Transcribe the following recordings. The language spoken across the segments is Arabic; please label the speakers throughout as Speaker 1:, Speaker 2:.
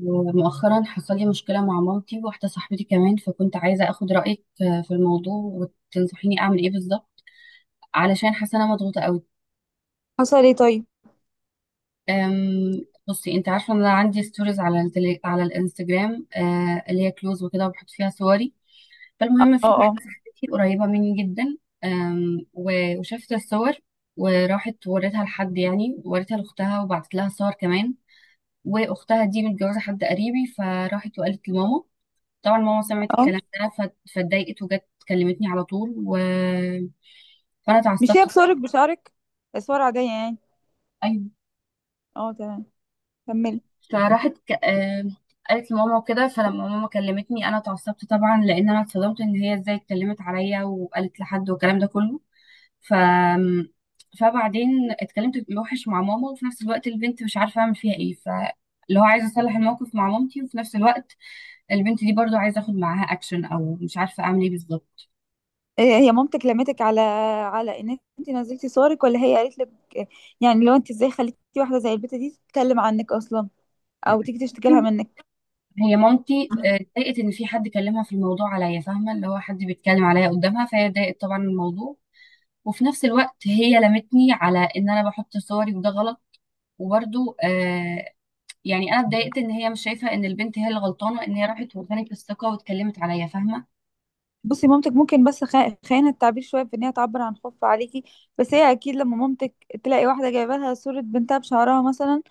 Speaker 1: ومؤخرا حصل لي مشكلة مع مامتي وواحدة صاحبتي كمان، فكنت عايزة أخد رأيك في الموضوع وتنصحيني أعمل إيه بالظبط، علشان حاسة أنا مضغوطة قوي.
Speaker 2: حصل ايه طيب؟
Speaker 1: بصي، أنت عارفة إن أنا عندي ستوريز على على الانستجرام، اللي هي كلوز وكده، وبحط فيها صوري. فالمهم،
Speaker 2: اه
Speaker 1: في واحدة
Speaker 2: اه
Speaker 1: صاحبتي قريبة مني جدا. وشافت الصور، وراحت وريتها لحد، يعني وريتها لأختها وبعتت لها صور كمان. وأختها دي متجوزة حد قريبي، فراحت وقالت لماما. طبعا ماما سمعت
Speaker 2: اه.
Speaker 1: الكلام ده فاتضايقت وجت كلمتني على طول فانا
Speaker 2: مش هي
Speaker 1: اتعصبت.
Speaker 2: بصورك بشعرك؟ صور عادية يعني؟
Speaker 1: ايوه.
Speaker 2: اه، تمام. كملي.
Speaker 1: فراحت ك... آه، قالت لماما وكده. فلما ماما كلمتني انا اتعصبت طبعا، لان انا اتصدمت ان هي ازاي اتكلمت عليا وقالت لحد والكلام ده كله. ف فبعدين اتكلمت وحش مع ماما، وفي نفس الوقت البنت مش عارفه اعمل فيها ايه. اللي هو عايزه اصلح الموقف مع مامتي، وفي نفس الوقت البنت دي برضو عايزه اخد معاها اكشن، او مش عارفه اعمل ايه بالظبط.
Speaker 2: إيه هي مامتك لمتك على ان انت نزلتي صورك ولا هي قالت لك؟ يعني لو انت ازاي خليتي واحدة زي البت دي تتكلم عنك اصلا، او تيجي تشتكي لها منك؟
Speaker 1: هي مامتي، اتضايقت ان في حد كلمها في الموضوع عليا، فاهمه؟ اللي هو حد بيتكلم عليا قدامها، فهي اتضايقت طبعا من الموضوع. وفي نفس الوقت هي لمتني على ان انا بحط صوري وده غلط. وبرده. يعني انا اتضايقت ان هي مش شايفه ان البنت هي اللي غلطانه، ان هي راحت واداني الثقه واتكلمت عليا، فاهمه؟
Speaker 2: بصي، مامتك ممكن بس خيانة التعبير شوية في ان هي تعبر عن خوفها عليكي. بس هي اكيد لما مامتك تلاقي واحدة جايبه لها صورة بنتها بشعرها مثلا،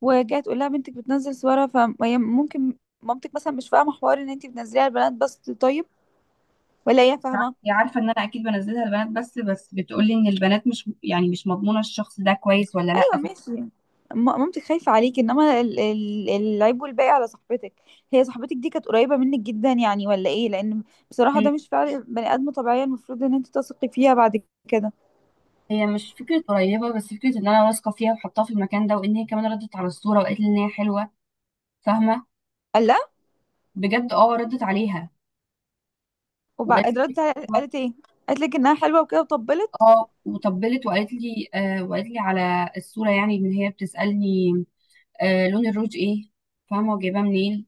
Speaker 2: وجايه تقول لها بنتك بتنزل صورها، فممكن مامتك مثلا مش فاهمة حوار ان انت بتنزليها البنات بس. طيب، ولا هي فاهمة؟
Speaker 1: هي عارفه ان انا اكيد بنزلها البنات، بس بتقول لي ان البنات مش، يعني مش مضمونه الشخص ده كويس ولا
Speaker 2: أيوة،
Speaker 1: لا.
Speaker 2: ماشي. مامتك خايفة عليك، إنما العيب والباقي على صاحبتك. هي صاحبتك دي كانت قريبة منك جدا يعني، ولا إيه؟ لأن بصراحة
Speaker 1: هي
Speaker 2: ده مش فعل بني آدم طبيعية، المفروض إن أنت تثقي فيها بعد كده.
Speaker 1: هي مش فكره قريبه، بس فكره ان انا واثقه فيها وحطاها في المكان ده، وان هي كمان ردت على الصوره وقالت لي ان هي حلوه. فاهمه؟
Speaker 2: قال لا.
Speaker 1: بجد، اه ردت عليها. وقالت
Speaker 2: وبعد
Speaker 1: لي،
Speaker 2: قالت إيه؟ قالت لك إنها حلوة وكده وطبلت.
Speaker 1: اه وطبلت. وقالت لي آه، وقالت لي على الصوره، يعني ان هي بتسالني آه لون الروج ايه، فاهمه؟ وجايباه منين.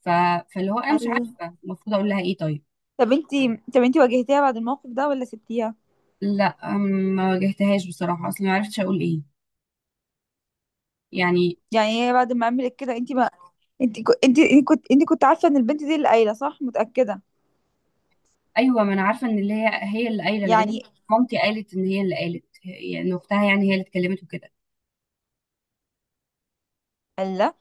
Speaker 1: ف... فاللي هو انا مش
Speaker 2: قال،
Speaker 1: عارفه المفروض اقول لها ايه طيب.
Speaker 2: طب أنت طب أنت واجهتيها بعد الموقف ده ولا سبتيها؟
Speaker 1: لا، ما واجهتهاش بصراحه، اصلا ما عرفتش اقول ايه، يعني.
Speaker 2: يعني هي بعد ما عملت كده أنت ما أنت كنت عارفة إن البنت دي اللي قايلة، صح؟ متأكدة؟
Speaker 1: ايوه، ما انا عارفه ان اللي هي اللي قايله، لان
Speaker 2: يعني
Speaker 1: مامتي قالت ان هي اللي قالت، يعني إن اختها، يعني هي اللي اتكلمت وكده.
Speaker 2: قال لا.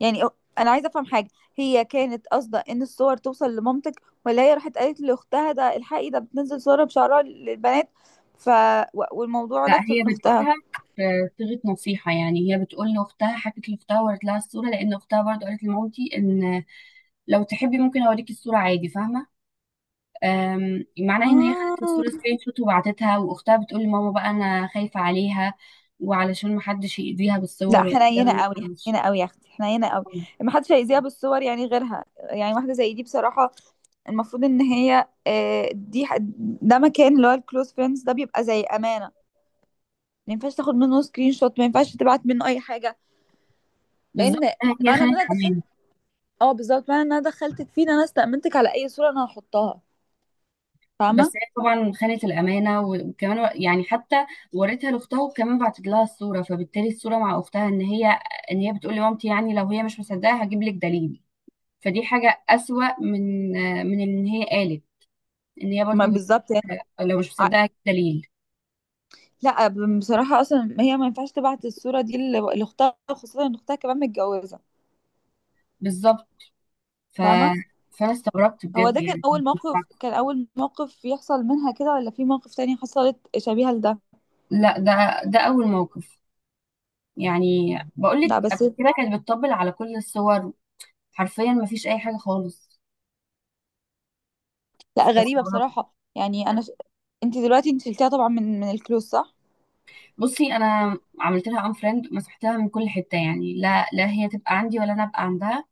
Speaker 2: يعني انا عايزه افهم حاجه. هي كانت قاصده ان الصور توصل لمامتك، ولا هي راحت قالت لاختها، ده الحقي ده بتنزل صورها بشعرها للبنات؟ ف والموضوع
Speaker 1: لا،
Speaker 2: لف
Speaker 1: هي
Speaker 2: من اختها؟
Speaker 1: بتقولها صيغة نصيحة، يعني هي بتقول لأختها، حكت لأختها ورت لها الصورة، لأن أختها برضه قالت لمامتي إن لو تحبي ممكن أوريكي الصورة عادي، فاهمة؟ معناها إن هي خدت الصورة
Speaker 2: آه.
Speaker 1: سكرين شوت وبعتتها، وأختها بتقول لماما بقى أنا خايفة عليها، وعلشان محدش يأذيها
Speaker 2: لا،
Speaker 1: بالصور، وإن ده ما
Speaker 2: حنينه قوي.
Speaker 1: ينفعش.
Speaker 2: حنينه قوي يا اختي، حنينه قوي. ما حدش هيذيها بالصور، يعني غيرها، يعني واحده زي دي بصراحه. المفروض ان هي آه، دي ح- ده مكان اللي هو الكلوز فريندز ده بيبقى زي امانه. ما ينفعش تاخد منه سكرين شوت، ما ينفعش تبعت منه اي حاجه.
Speaker 1: بالظبط،
Speaker 2: لان
Speaker 1: هي
Speaker 2: معنى ان
Speaker 1: خانت
Speaker 2: انا دخلت
Speaker 1: أمان.
Speaker 2: معنى ان انا دخلتك فيه، إن انا استأمنتك على اي صورة انا هحطها. فاهمة؟
Speaker 1: بس هي طبعا خانت الامانه، وكمان يعني حتى وريتها لاختها، وكمان بعتت لها الصوره. فبالتالي الصوره مع اختها، ان هي بتقول لمامتي، يعني لو هي مش مصدقه هجيب لك دليل. فدي حاجه اسوأ من، من ان هي قالت، ان هي
Speaker 2: ما
Speaker 1: برضو
Speaker 2: بالظبط يعني.
Speaker 1: لو مش
Speaker 2: ع-
Speaker 1: مصدقه هجيب دليل.
Speaker 2: لا، بصراحة اصلا هي ما ينفعش تبعت الصورة دي لاختها، خاصة ان اختها كمان متجوزة.
Speaker 1: بالظبط. ف...
Speaker 2: فاهمة؟
Speaker 1: فانا استغربت
Speaker 2: هو
Speaker 1: بجد
Speaker 2: ده كان
Speaker 1: يعني.
Speaker 2: اول موقف كان اول موقف يحصل منها كده، ولا في موقف تاني حصلت شبيهة لده؟
Speaker 1: لا، ده اول موقف. يعني بقول لك،
Speaker 2: لا،
Speaker 1: قبل
Speaker 2: بس.
Speaker 1: كده كانت بتطبل على كل الصور، حرفيا ما فيش اي حاجه خالص.
Speaker 2: لا، غريبة بصراحة، يعني انت دلوقتي، انت شلتيها طبعا من الكلوز، صح؟
Speaker 1: بصي، انا عملت لها ان فريند، مسحتها من كل حته، يعني لا هي تبقى عندي ولا انا ابقى عندها.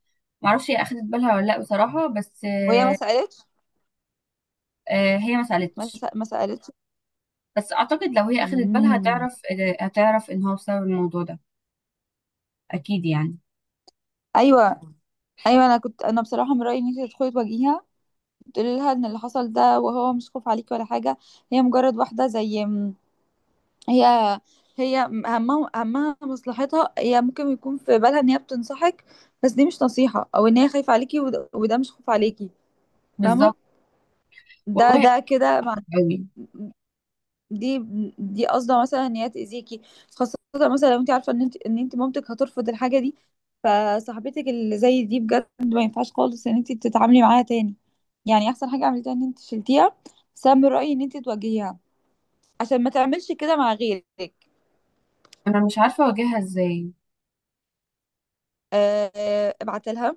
Speaker 1: ما اعرفش هي اخدت بالها ولا لا بصراحه، بس
Speaker 2: وهي ما سألتش؟
Speaker 1: هي ما
Speaker 2: ما,
Speaker 1: سالتش.
Speaker 2: سأ- ما سألتش
Speaker 1: بس اعتقد لو هي اخدت بالها
Speaker 2: مم.
Speaker 1: هتعرف، هتعرف ان هو بسبب الموضوع ده، اكيد يعني.
Speaker 2: ايوه، ايوه. انا بصراحه من رايي ان انت تدخلي تواجهيها، تقولي لها ان اللي حصل ده، وهو مش خوف عليكي ولا حاجه. هي مجرد واحده هي همها مصلحتها. هي ممكن يكون في بالها ان هي بتنصحك، بس دي مش نصيحه، او ان هي خايفه عليكي، وده مش خوف عليكي. فاهمه؟
Speaker 1: بالظبط،
Speaker 2: ده
Speaker 1: والله،
Speaker 2: ده كده. مع-
Speaker 1: قوي.
Speaker 2: دي دي قصده مثلا ان هي تاذيكي، خاصه مثلا لو انت عارفه ان انت مامتك هترفض الحاجه دي. فصاحبتك اللي زي دي بجد ما ينفعش خالص ان انت تتعاملي معاها تاني. يعني احسن حاجه عملتيها ان انت شلتيها. بس انا من رايي ان انت تواجهيها عشان ما تعملش كده مع غيرك.
Speaker 1: انا مش عارفه اواجهها ازاي.
Speaker 2: أه، ابعتلها.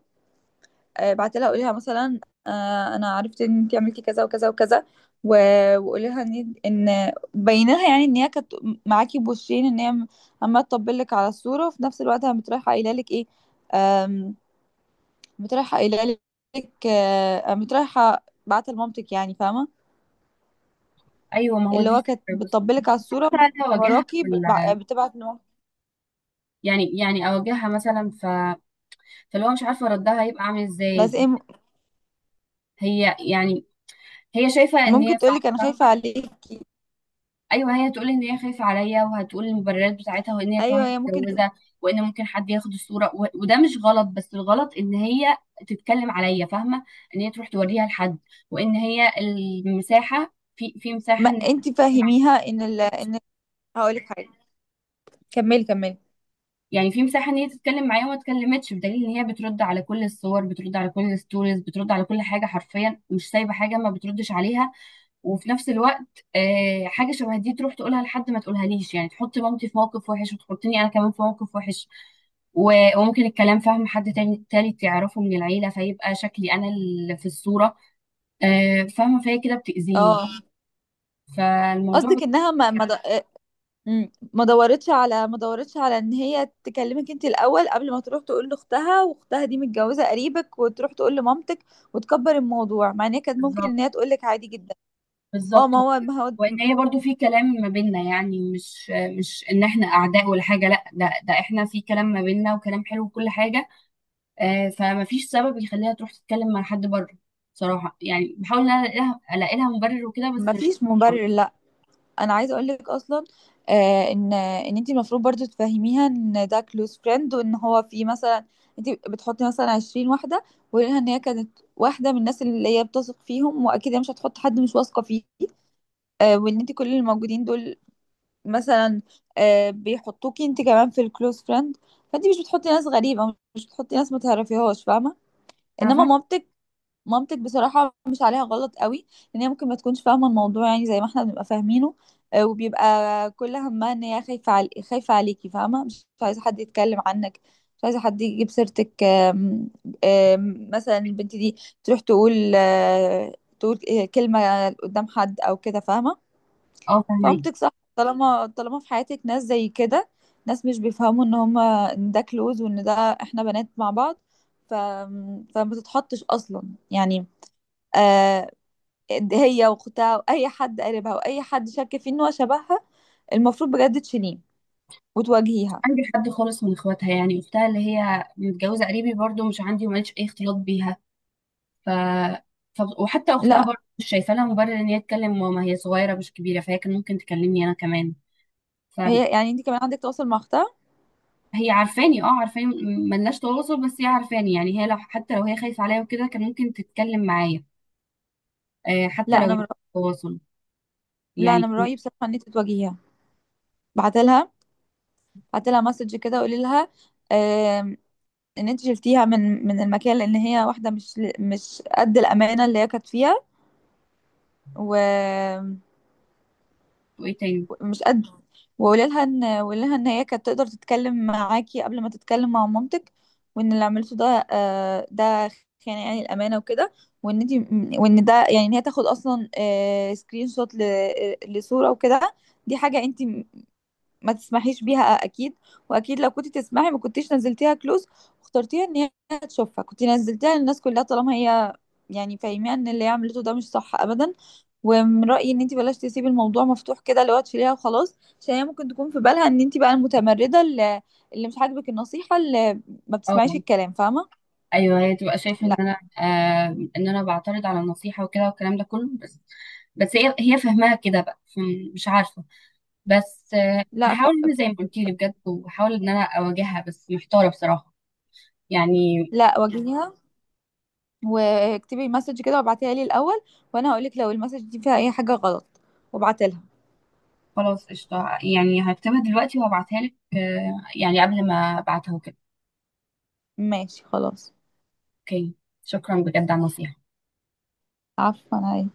Speaker 2: بعت لها، قولي لها مثلا، انا عرفت ان انت عملتي كذا وكذا وكذا. و... وقولي لها ان ان بيني لها، يعني ان هي كانت معاكي بوشين، ان هي عماله تطبل لك على الصوره، وفي نفس الوقت قامت رايحه قايله لك ايه. آم، قامت رايحه قايله لك، قامت رايحه بعت لمامتك يعني. فاهمه؟
Speaker 1: ايوه، ما هو
Speaker 2: اللي
Speaker 1: دي
Speaker 2: هو كانت
Speaker 1: الفكره. بس
Speaker 2: بتطبل لك على الصوره
Speaker 1: حتى
Speaker 2: من
Speaker 1: اواجهها
Speaker 2: وراكي، ب- بع-
Speaker 1: ولا،
Speaker 2: بتبعت لمامتك.
Speaker 1: يعني، يعني اواجهها مثلا. فلو مش عارفه ردها هيبقى عامل
Speaker 2: بس
Speaker 1: ازاي.
Speaker 2: ايه؟
Speaker 1: هي يعني هي شايفه ان
Speaker 2: ممكن
Speaker 1: هي
Speaker 2: تقول
Speaker 1: صح.
Speaker 2: لك انا خايفه عليكي.
Speaker 1: ايوه، هي تقول ان هي خايفه عليا، وهتقول المبررات بتاعتها، وان هي كمان
Speaker 2: ايوه، هي ممكن
Speaker 1: متجوزه، وان ممكن حد ياخد الصوره وده مش غلط، بس الغلط ان هي تتكلم عليا، فاهمه؟ ان هي تروح توريها لحد، وان هي المساحه، في مساحه
Speaker 2: ما
Speaker 1: ان هي
Speaker 2: انت
Speaker 1: تتكلم معايا.
Speaker 2: فهميها ان ان هقول لك حاجه. كملي، كملي.
Speaker 1: يعني في مساحه ان هي تتكلم معايا وما اتكلمتش، بدليل ان هي بترد على كل الصور، بترد على كل الستوريز، بترد على كل حاجه، حرفيا مش سايبه حاجه ما بتردش عليها. وفي نفس الوقت، حاجه شبه دي تروح تقولها لحد ما تقولهاليش، يعني تحط مامتي في موقف وحش وتحطني انا كمان في موقف وحش. وممكن الكلام فاهم حد تاني تالت يعرفه من العيله، فيبقى شكلي انا اللي في الصوره، فاهمه؟ فهي كده بتاذيني.
Speaker 2: اه،
Speaker 1: فالموضوع
Speaker 2: قصدك
Speaker 1: بت-
Speaker 2: انها ما ما د- آه، مم. ما دورتش على ما دورتش على ان هي تكلمك انت الاول، قبل ما تروح تقول لاختها، واختها دي متجوزه قريبك، وتروح تقول لمامتك وتكبر الموضوع، مع ان هي كانت ممكن ان
Speaker 1: بالظبط.
Speaker 2: هي تقول لك عادي جدا. اه،
Speaker 1: بالظبط
Speaker 2: ما
Speaker 1: و-
Speaker 2: هو ما هو
Speaker 1: وان هي برضو في كلام ما بيننا، يعني مش، مش ان احنا اعداء ولا حاجه، لا، ده احنا في كلام ما بيننا وكلام حلو وكل حاجه. فمفيش سبب يخليها تروح تتكلم مع حد بره، بصراحة. يعني بحاول ان انا الاقي لها، ألاقي لها مبرر وكده،
Speaker 2: ما
Speaker 1: بس مش
Speaker 2: فيش مبرر، لا. انا عايزه اقول لك اصلا، ان انت المفروض برضو تفهميها ان ده كلوز فريند، وان هو في مثلا انت بتحطي مثلا 20 واحده. وقولي لها ان هي كانت واحده من الناس اللي هي بتثق فيهم، واكيد هي مش هتحط حد مش واثقه فيه. وان انت كل اللي موجودين دول مثلا بيحطوكي انت كمان في الكلوز فريند. فانت مش بتحطي ناس غريبه، مش بتحطي ناس ما تعرفيهاش. فاهمه؟ انما
Speaker 1: عارفة.
Speaker 2: مامتك بصراحه مش عليها غلط قوي. ان هي ممكن ما تكونش فاهمه الموضوع يعني زي ما احنا بنبقى فاهمينه. وبيبقى كل همها ان هي خايفه عليكي. فاهمه؟ مش عايزه حد يتكلم عنك، مش عايزه حد يجيب سيرتك. مثلا البنت دي تروح تقول، تقول، كلمه قدام حد او كده. فاهمه؟
Speaker 1: اه، فاهماكي.
Speaker 2: فهمتك صح؟ طالما في حياتك ناس زي كده، ناس مش بيفهموا ان هما، ان ده كلوز، وان ده احنا بنات مع بعض، ف... فما تتحطش اصلا. يعني آه هي واختها واي حد قريبها واي حد شك فيه ان هو شبهها، المفروض بجد تشيليه وتواجهيها.
Speaker 1: عندي حد خالص من اخواتها، يعني اختها اللي هي متجوزة قريبي برضو مش عندي وماليش اي اختلاط بيها. ف... وحتى اختها
Speaker 2: لا،
Speaker 1: برضو مش شايفة لها مبرر ان هي تكلم ماما، هي صغيرة مش كبيرة، فهي كان ممكن تكلمني انا كمان. فهي
Speaker 2: هي يعني انت كمان عندك تواصل مع اختها؟
Speaker 1: عارفاني، اه عارفاني، ملناش تواصل، بس هي عارفاني، يعني هي لو، حتى لو هي خايفة عليا وكده، كان ممكن تتكلم معايا، حتى
Speaker 2: لا
Speaker 1: لو ما
Speaker 2: انا من
Speaker 1: فيش
Speaker 2: رأ-
Speaker 1: تواصل،
Speaker 2: لا
Speaker 1: يعني
Speaker 2: انا من رايي بصراحه ان انت تواجهيها. بعتلها بعتلها مسج كده، وقولي لها ان انت شلتيها من المكان، لان هي واحده مش قد الامانه اللي هي كانت فيها. ومش
Speaker 1: وايه تاني.
Speaker 2: قد وقولي لها ان هي كانت تقدر تتكلم معاكي قبل ما تتكلم مع مامتك. وان اللي عملته ده خيانه يعني الامانه وكده. وان انت وان ده يعني ان هي تاخد اصلا سكرين شوت لصوره وكده، دي حاجه انت ما تسمحيش بيها اكيد. واكيد لو كنت تسمحي ما كنتيش نزلتيها كلوز واخترتيها ان هي تشوفها، كنت نزلتيها للناس كلها. طالما هي يعني، فاهمه ان اللي هي عملته ده مش صح ابدا. ومن رايي ان انت بلاش تسيبي الموضوع مفتوح كده، اللي هو تشيليها وخلاص، عشان هي ممكن تكون في بالها ان انت بقى المتمرده اللي مش عاجبك النصيحه، اللي ما بتسمعيش
Speaker 1: اه،
Speaker 2: الكلام. فاهمه؟
Speaker 1: ايوه هي تبقى شايفه ان
Speaker 2: لا،
Speaker 1: انا، آه، ان انا بعترض على النصيحه وكده والكلام ده كله. بس، بس هي فاهماها كده بقى، مش عارفه. بس آه،
Speaker 2: لا.
Speaker 1: هحاول ان أنا زي ما قلت لي بجد، وهحاول ان انا اواجهها، بس محتاره بصراحه، يعني.
Speaker 2: لا، واجهيها، واكتبي مسج كده، وابعتيها لي الاول، وانا هقولك لو المسج دي فيها اي حاجه غلط، وابعتلها.
Speaker 1: خلاص، قشطه، يعني هكتبها دلوقتي وهبعتها لك، آه يعني قبل ما ابعتها وكده.
Speaker 2: ماشي، خلاص.
Speaker 1: اوكي، شكرا بجد على النصيحه.
Speaker 2: عفوا.